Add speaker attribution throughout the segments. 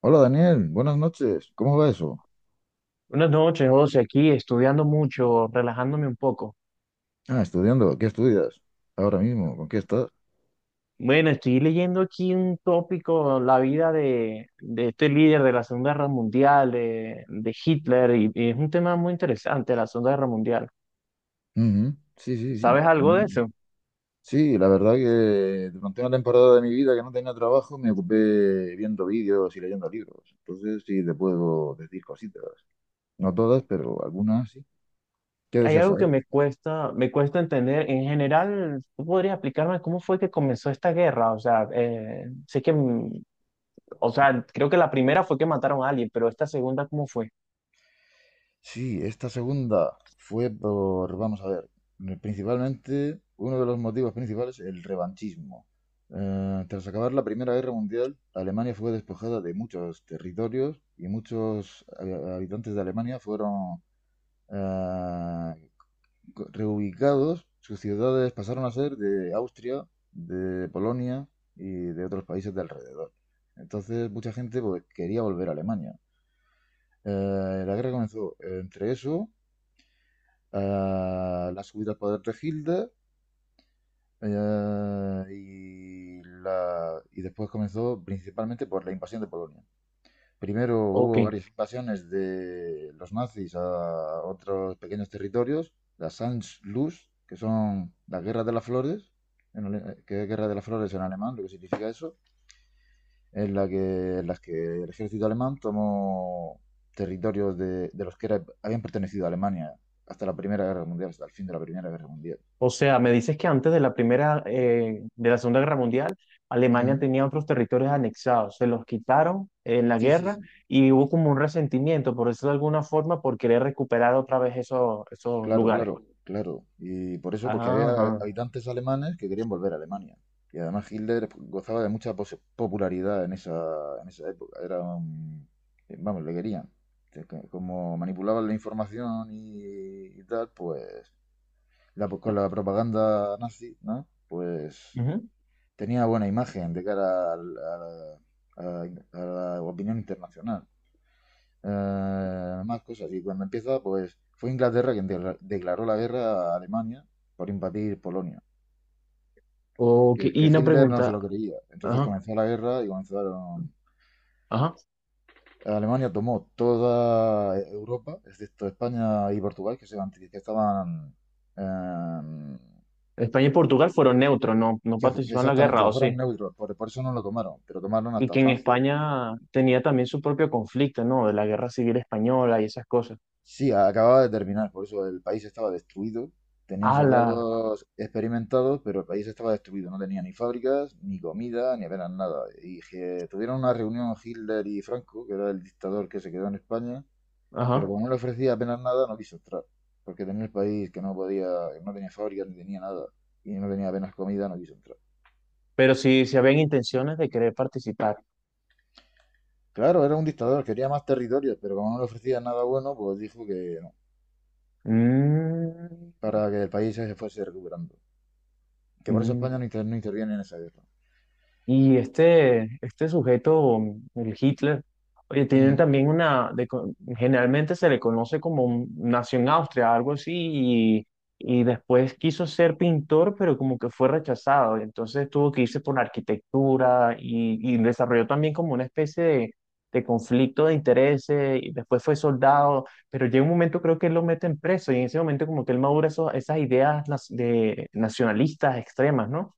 Speaker 1: Hola Daniel, buenas noches. ¿Cómo va eso?
Speaker 2: Buenas noches, José, aquí estudiando mucho, relajándome un poco.
Speaker 1: Ah, estudiando. ¿Qué estudias? Ahora mismo, ¿con qué estás?
Speaker 2: Bueno, estoy leyendo aquí un tópico, la vida de este líder de la Segunda Guerra Mundial, de Hitler, y es un tema muy interesante, la Segunda Guerra Mundial.
Speaker 1: Ujú. Sí, sí, sí.
Speaker 2: ¿Sabes algo de
Speaker 1: Mm.
Speaker 2: eso?
Speaker 1: Sí, la verdad que durante una temporada de mi vida que no tenía trabajo me ocupé viendo vídeos y leyendo libros. Entonces sí te puedo decir cositas. No todas, pero algunas sí. ¿Qué
Speaker 2: Hay
Speaker 1: deseas
Speaker 2: algo que
Speaker 1: saber?
Speaker 2: me cuesta entender. En general, ¿tú podrías explicarme cómo fue que comenzó esta guerra? O sea, sé que, o sea, creo que la primera fue que mataron a alguien, pero esta segunda, ¿cómo fue?
Speaker 1: Sí, esta segunda fue por, vamos a ver, principalmente, uno de los motivos principales, el revanchismo. Tras acabar la Primera Guerra Mundial, Alemania fue despojada de muchos territorios y muchos habitantes de Alemania fueron eh, reubicados. Sus ciudades pasaron a ser de Austria, de Polonia y de otros países de alrededor. Entonces, mucha gente pues, quería volver a Alemania. La guerra comenzó entre eso, la subida al poder de Hilde, y después comenzó principalmente por la invasión de Polonia. Primero
Speaker 2: Ok.
Speaker 1: hubo varias invasiones de los nazis a otros pequeños territorios, la Sanz-Luz, que son la Guerra de las Flores, que es Guerra de las Flores en alemán, lo que significa eso, en las que el ejército alemán tomó territorios de los habían pertenecido a Alemania hasta la Primera Guerra Mundial, hasta el fin de la Primera Guerra Mundial.
Speaker 2: O sea, me dices que antes de la primera, de la Segunda Guerra Mundial, Alemania
Speaker 1: Mm.
Speaker 2: tenía otros territorios anexados, se los quitaron en la
Speaker 1: Sí, sí,
Speaker 2: guerra
Speaker 1: sí.
Speaker 2: y hubo como un resentimiento, por eso de alguna forma, por querer recuperar otra vez esos, esos
Speaker 1: Claro,
Speaker 2: lugares.
Speaker 1: claro, claro. Y por eso, porque había
Speaker 2: Ajá,
Speaker 1: habitantes alemanes que querían volver a Alemania. Y además Hitler gozaba de mucha popularidad en esa época. Vamos, le querían. Como manipulaban la información y tal, pues la, con la propaganda nazi, ¿no? Pues
Speaker 2: ujú.
Speaker 1: tenía buena imagen a la a- a la opinión internacional. Más cosas. Y cuando empieza, pues fue Inglaterra quien declaró la guerra a Alemania por invadir Polonia,
Speaker 2: Ok,
Speaker 1: que
Speaker 2: y una
Speaker 1: Hitler no se
Speaker 2: pregunta,
Speaker 1: lo creía. Entonces
Speaker 2: ajá,
Speaker 1: comenzó la guerra y comenzaron.
Speaker 2: ajá.
Speaker 1: Alemania tomó toda Europa, excepto España y Portugal, que estaban. eh,
Speaker 2: ¿España y Portugal fueron neutros, no, no
Speaker 1: que-
Speaker 2: participaron en la
Speaker 1: Exactamente,
Speaker 2: guerra,
Speaker 1: que
Speaker 2: o sí?
Speaker 1: fueran neutros, por eso no lo tomaron, pero tomaron
Speaker 2: Y
Speaker 1: hasta
Speaker 2: que en
Speaker 1: Francia.
Speaker 2: España tenía también su propio conflicto, ¿no? De la guerra civil española y esas cosas.
Speaker 1: Sí, acababa de terminar, por eso el país estaba destruido. Tenían
Speaker 2: Ala,
Speaker 1: soldados experimentados, pero el país estaba destruido. No tenía ni fábricas, ni comida, ni apenas nada. Y que tuvieron una reunión Hitler y Franco, que era el dictador que se quedó en España, pero
Speaker 2: ajá.
Speaker 1: como no le ofrecía apenas nada, no quiso entrar. Porque tenía el país que no podía, que no tenía fábricas, ni tenía nada, y no tenía apenas comida, no quiso entrar.
Speaker 2: Pero si, si habían intenciones de querer participar.
Speaker 1: Claro, era un dictador, quería más territorios, pero como no le ofrecía nada bueno, pues dijo que no,
Speaker 2: Mm,
Speaker 1: para que el país se fuese recuperando. Que por eso
Speaker 2: mm.
Speaker 1: España no interviene en esa guerra.
Speaker 2: Y este sujeto, el Hitler, oye, tienen
Speaker 1: Ujú.
Speaker 2: también una, de co- generalmente se le conoce como un- nació en Austria, algo así, y después quiso ser pintor, pero como que fue rechazado, y entonces tuvo que irse por la arquitectura y desarrolló también como una especie de conflicto de intereses, y después fue soldado, pero llega un momento creo que él lo meten preso, y en ese momento como que él madura eso- esas ideas las- de nacionalistas extremas, ¿no?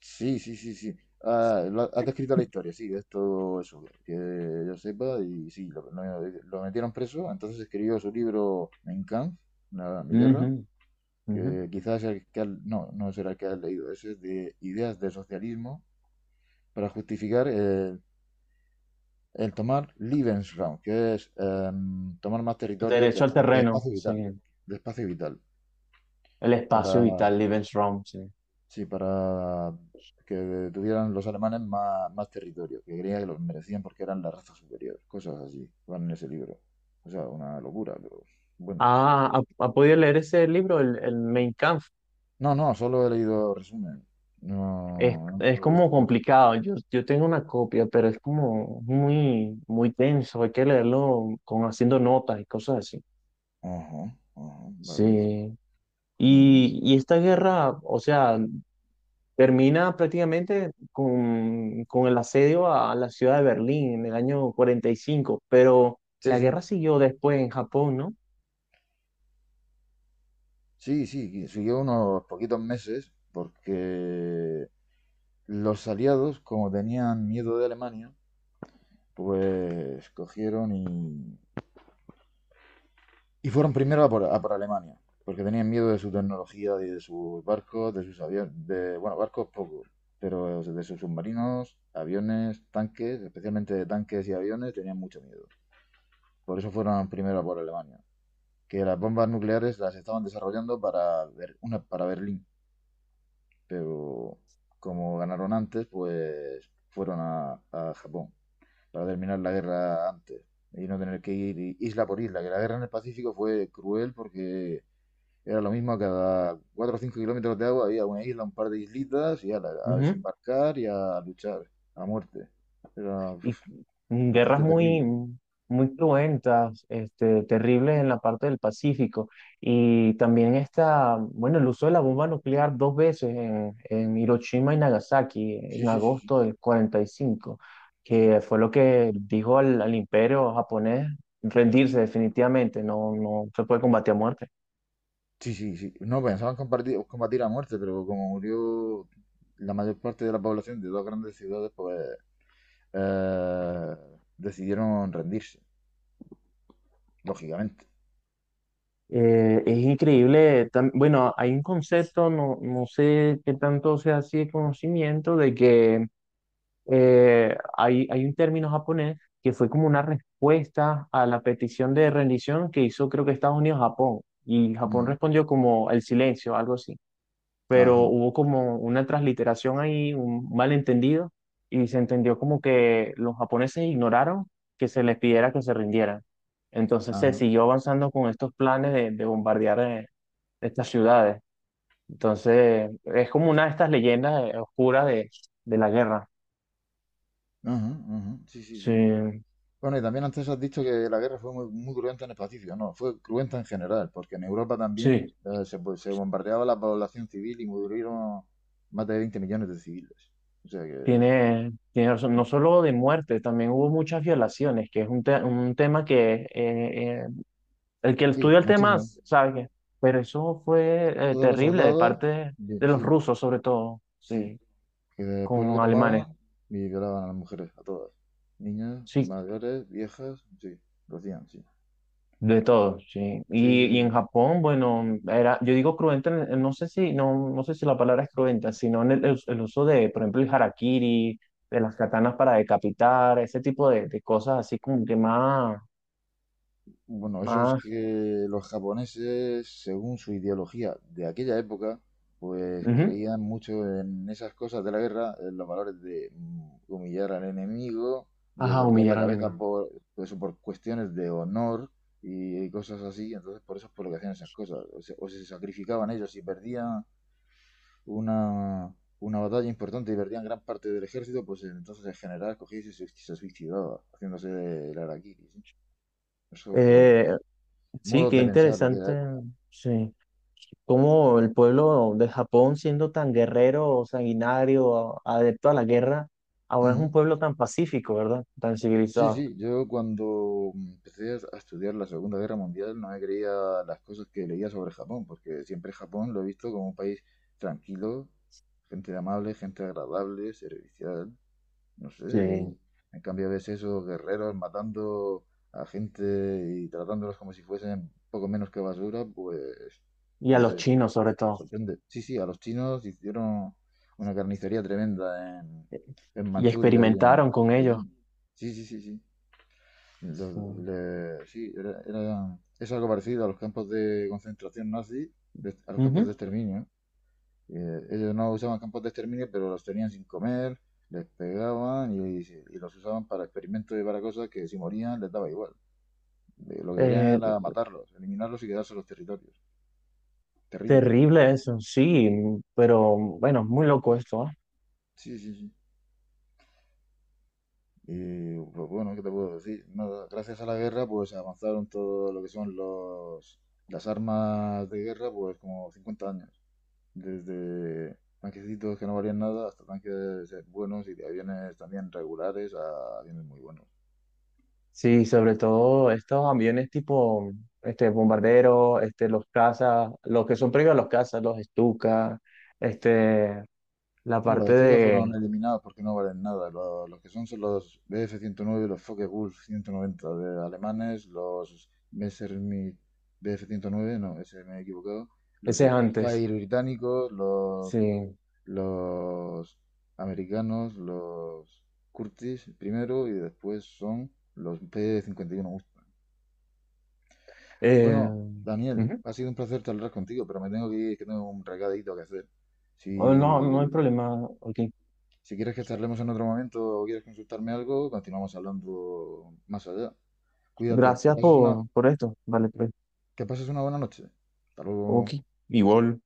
Speaker 1: Sí, sí, sí, sí. Ah, has descrito la historia, sí, es todo eso, que yo sepa, y sí, lo metieron preso, entonces escribió su libro Mein Kampf, la, mi
Speaker 2: Ujú,
Speaker 1: guerra,
Speaker 2: ujú.
Speaker 1: que quizás es el no, no será el que has leído, ese es de ideas de socialismo para justificar el tomar Lebensraum, que es tomar más territorios
Speaker 2: Derecho al
Speaker 1: de
Speaker 2: terreno,
Speaker 1: espacio
Speaker 2: sí.
Speaker 1: vital, de espacio vital.
Speaker 2: El espacio vital, Lebensraum, sí.
Speaker 1: Sí, para que tuvieran los alemanes más, más territorio, que creía que los merecían porque eran la raza superior, cosas así, van en ese libro. O sea, una locura, pero bueno.
Speaker 2: Ah, ¿ha, ha podido leer ese libro, el Mein Kampf?
Speaker 1: No, no, solo he leído resumen. No, no, no
Speaker 2: Es
Speaker 1: lo he
Speaker 2: como
Speaker 1: visto nunca.
Speaker 2: complicado. Yo tengo una copia, pero es como muy, muy tenso. Hay que leerlo con haciendo notas y cosas así.
Speaker 1: Ajá, ajá, vale, vale.
Speaker 2: Sí.
Speaker 1: No, no.
Speaker 2: Y esta guerra, o sea, termina prácticamente con el asedio a la ciudad de Berlín en el año cuarenta y cinco, pero
Speaker 1: Sí,
Speaker 2: la guerra
Speaker 1: sí,
Speaker 2: siguió después en Japón, ¿no?
Speaker 1: sí, sí, que siguió unos poquitos meses porque los aliados, como tenían miedo de Alemania, pues cogieron y fueron primero a por Alemania, porque tenían miedo de su tecnología, de sus barcos, de sus aviones, de, bueno, barcos poco, pero de sus submarinos, aviones, tanques, especialmente de tanques y aviones, tenían mucho miedo. Por eso fueron primero a por Alemania, que las bombas nucleares las estaban desarrollando para, para Berlín, pero como ganaron antes, pues fueron a Japón para terminar la guerra antes y no tener que ir isla por isla, que la guerra en el Pacífico fue cruel porque era lo mismo, cada 4 o 5 kilómetros de agua había una isla, un par de islitas, a
Speaker 2: Ujú.
Speaker 1: desembarcar y a luchar a muerte. Era
Speaker 2: Y
Speaker 1: uf,
Speaker 2: guerras
Speaker 1: bastante
Speaker 2: muy,
Speaker 1: terrible.
Speaker 2: muy cruentas, este, terribles en la parte del Pacífico. Y también está, bueno, el uso de la bomba nuclear dos veces en Hiroshima y Nagasaki
Speaker 1: Sí,
Speaker 2: en
Speaker 1: sí, sí, sí.
Speaker 2: agosto del 45,
Speaker 1: Sí,
Speaker 2: que fue lo que dijo al, al imperio japonés rendirse definitivamente, no, no se puede combatir a muerte.
Speaker 1: sí, sí, sí. No pensaban compartir, combatir a muerte, pero como murió la mayor parte de la población de dos grandes ciudades, pues eh, decidieron rendirse, lógicamente.
Speaker 2: Es increíble, tam- bueno, hay un concepto, no, no sé qué tanto sea así de conocimiento, de que hay, hay un término japonés que fue como una respuesta a la petición de rendición que hizo creo que Estados Unidos a Japón. Y Japón
Speaker 1: Ujú.
Speaker 2: respondió como el silencio, algo así. Pero
Speaker 1: Ajá,
Speaker 2: hubo como una transliteración ahí, un malentendido, y se entendió como que los japoneses ignoraron que se les pidiera que se rindieran. Entonces se
Speaker 1: ajá,
Speaker 2: siguió avanzando con estos planes de bombardear estas ciudades. Entonces es como una de estas leyendas oscuras de la guerra.
Speaker 1: ajá, ajá. Sí, sí,
Speaker 2: Sí,
Speaker 1: sí. Bueno, y también antes has dicho que la guerra fue muy, muy cruenta en el Pacífico. No, fue cruenta en general, porque en Europa también
Speaker 2: sí.
Speaker 1: pues, se bombardeaba la población civil y murieron más de 20 millones de civiles. O sea que,
Speaker 2: Tiene, tiene razón. No solo de muerte, también hubo muchas violaciones, que es un, te- un tema que el que
Speaker 1: sí,
Speaker 2: estudia el tema
Speaker 1: muchísimo.
Speaker 2: sabe que, pero eso fue
Speaker 1: Todos los
Speaker 2: terrible de
Speaker 1: soldados,
Speaker 2: parte
Speaker 1: bien,
Speaker 2: de los
Speaker 1: sí,
Speaker 2: rusos, sobre todo,
Speaker 1: sí.
Speaker 2: sí,
Speaker 1: Que después lo
Speaker 2: con
Speaker 1: que
Speaker 2: alemanes,
Speaker 1: tomaban y violaban a las mujeres, a todas. Niñas,
Speaker 2: sí,
Speaker 1: mayores, viejas, sí, lo hacían, sí.
Speaker 2: de todo, sí.
Speaker 1: Sí,
Speaker 2: Y
Speaker 1: sí,
Speaker 2: en
Speaker 1: sí.
Speaker 2: Japón, bueno, era, yo digo cruenta, en- no sé si, no, no sé si la palabra es cruenta, sino en el uso de, por ejemplo, el harakiri, de las katanas para decapitar, ese tipo de cosas así como que más,
Speaker 1: Bueno, eso es
Speaker 2: más.
Speaker 1: que los japoneses, según su ideología de aquella época, pues
Speaker 2: Ujú.
Speaker 1: creían mucho en esas cosas de la guerra, en los valores de humillar al enemigo, de
Speaker 2: Ajá,
Speaker 1: cortar la
Speaker 2: humillar al
Speaker 1: cabeza.
Speaker 2: enemigo.
Speaker 1: Mm. Por, pues eso por cuestiones de honor y cosas así. Entonces, por eso es por lo que hacían esas cosas. O se sacrificaban ellos y perdían una, una batalla importante y perdían gran parte del ejército, pues entonces el general cogía y se suicidaba, haciéndose el harakiri, ¿sí? Eso pues
Speaker 2: Eh, sí,
Speaker 1: modos
Speaker 2: qué
Speaker 1: de pensar de aquella
Speaker 2: interesante.
Speaker 1: época.
Speaker 2: Sí. Cómo el pueblo de Japón, siendo tan guerrero, sanguinario, a- adepto a la guerra, ahora es un
Speaker 1: Ujú.
Speaker 2: pueblo tan pacífico, ¿verdad? Tan
Speaker 1: Sí,
Speaker 2: civilizado.
Speaker 1: sí, yo cuando empecé a estudiar la Segunda Guerra Mundial no me creía las cosas que leía sobre Japón, porque siempre Japón lo he visto como un país tranquilo, gente amable, gente agradable, servicial, no sé.
Speaker 2: Sí.
Speaker 1: Y en cambio ves esos guerreros matando a gente y tratándolos como si fuesen poco menos que basura, pues
Speaker 2: Y a
Speaker 1: no
Speaker 2: los
Speaker 1: sé.
Speaker 2: chinos, sobre todo.
Speaker 1: Sorprende. Sí, sí, a los chinos hicieron una carnicería tremenda en
Speaker 2: Y
Speaker 1: Manchuria y en
Speaker 2: experimentaron con ellos.
Speaker 1: Pekín. Sí, sí, sí, sí.
Speaker 2: Sí.
Speaker 1: Sí, es algo parecido a los campos de concentración nazi, a los campos
Speaker 2: Ujú.
Speaker 1: de exterminio. Ellos no usaban campos de exterminio, pero los tenían sin comer, les pegaban y los usaban para experimentos y para cosas que si morían les daba igual. Lo que querían
Speaker 2: Eh,
Speaker 1: era matarlos, eliminarlos y quedarse los territorios. Terrible.
Speaker 2: terrible eso, sí, pero bueno, muy loco esto, ¿ah?
Speaker 1: Sí, sí, sí. Y pues bueno, ¿qué te puedo decir? Nada, gracias a la guerra, pues avanzaron todo lo que son los, las armas de guerra, pues como 50 años. Desde tanquecitos que no valían nada hasta tanques buenos y de aviones también regulares a aviones muy buenos.
Speaker 2: Sí, sobre todo estos aviones tipo este bombarderos, este los cazas, los que son previos a los cazas, los Stuka, este la
Speaker 1: No, los
Speaker 2: parte
Speaker 1: Stuka
Speaker 2: de
Speaker 1: fueron eliminados porque no valen nada. Lo- Los, que son son los bf 109, los Focke-Wulf 190 de alemanes, los Messerschmitt bf nueve no, ese me he equivocado, los
Speaker 2: ese es antes.
Speaker 1: Spitfire británicos,
Speaker 2: Sí.
Speaker 1: los americanos, los Curtis primero y después son los P-51 cincuenta y uno Mustang.
Speaker 2: Eh,
Speaker 1: Bueno, Daniel,
Speaker 2: ujú.
Speaker 1: ha sido un placer charlar contigo, pero me tengo que ir, que tengo un recadito que hacer.
Speaker 2: Oh, no, no hay
Speaker 1: Si,
Speaker 2: problema. Ok.
Speaker 1: si quieres que charlemos en otro momento o quieres consultarme algo, continuamos hablando más allá. Cuídate,
Speaker 2: Gracias por esto. Vale, pues.
Speaker 1: que pases una buena noche. Hasta luego.
Speaker 2: Ok. Igual.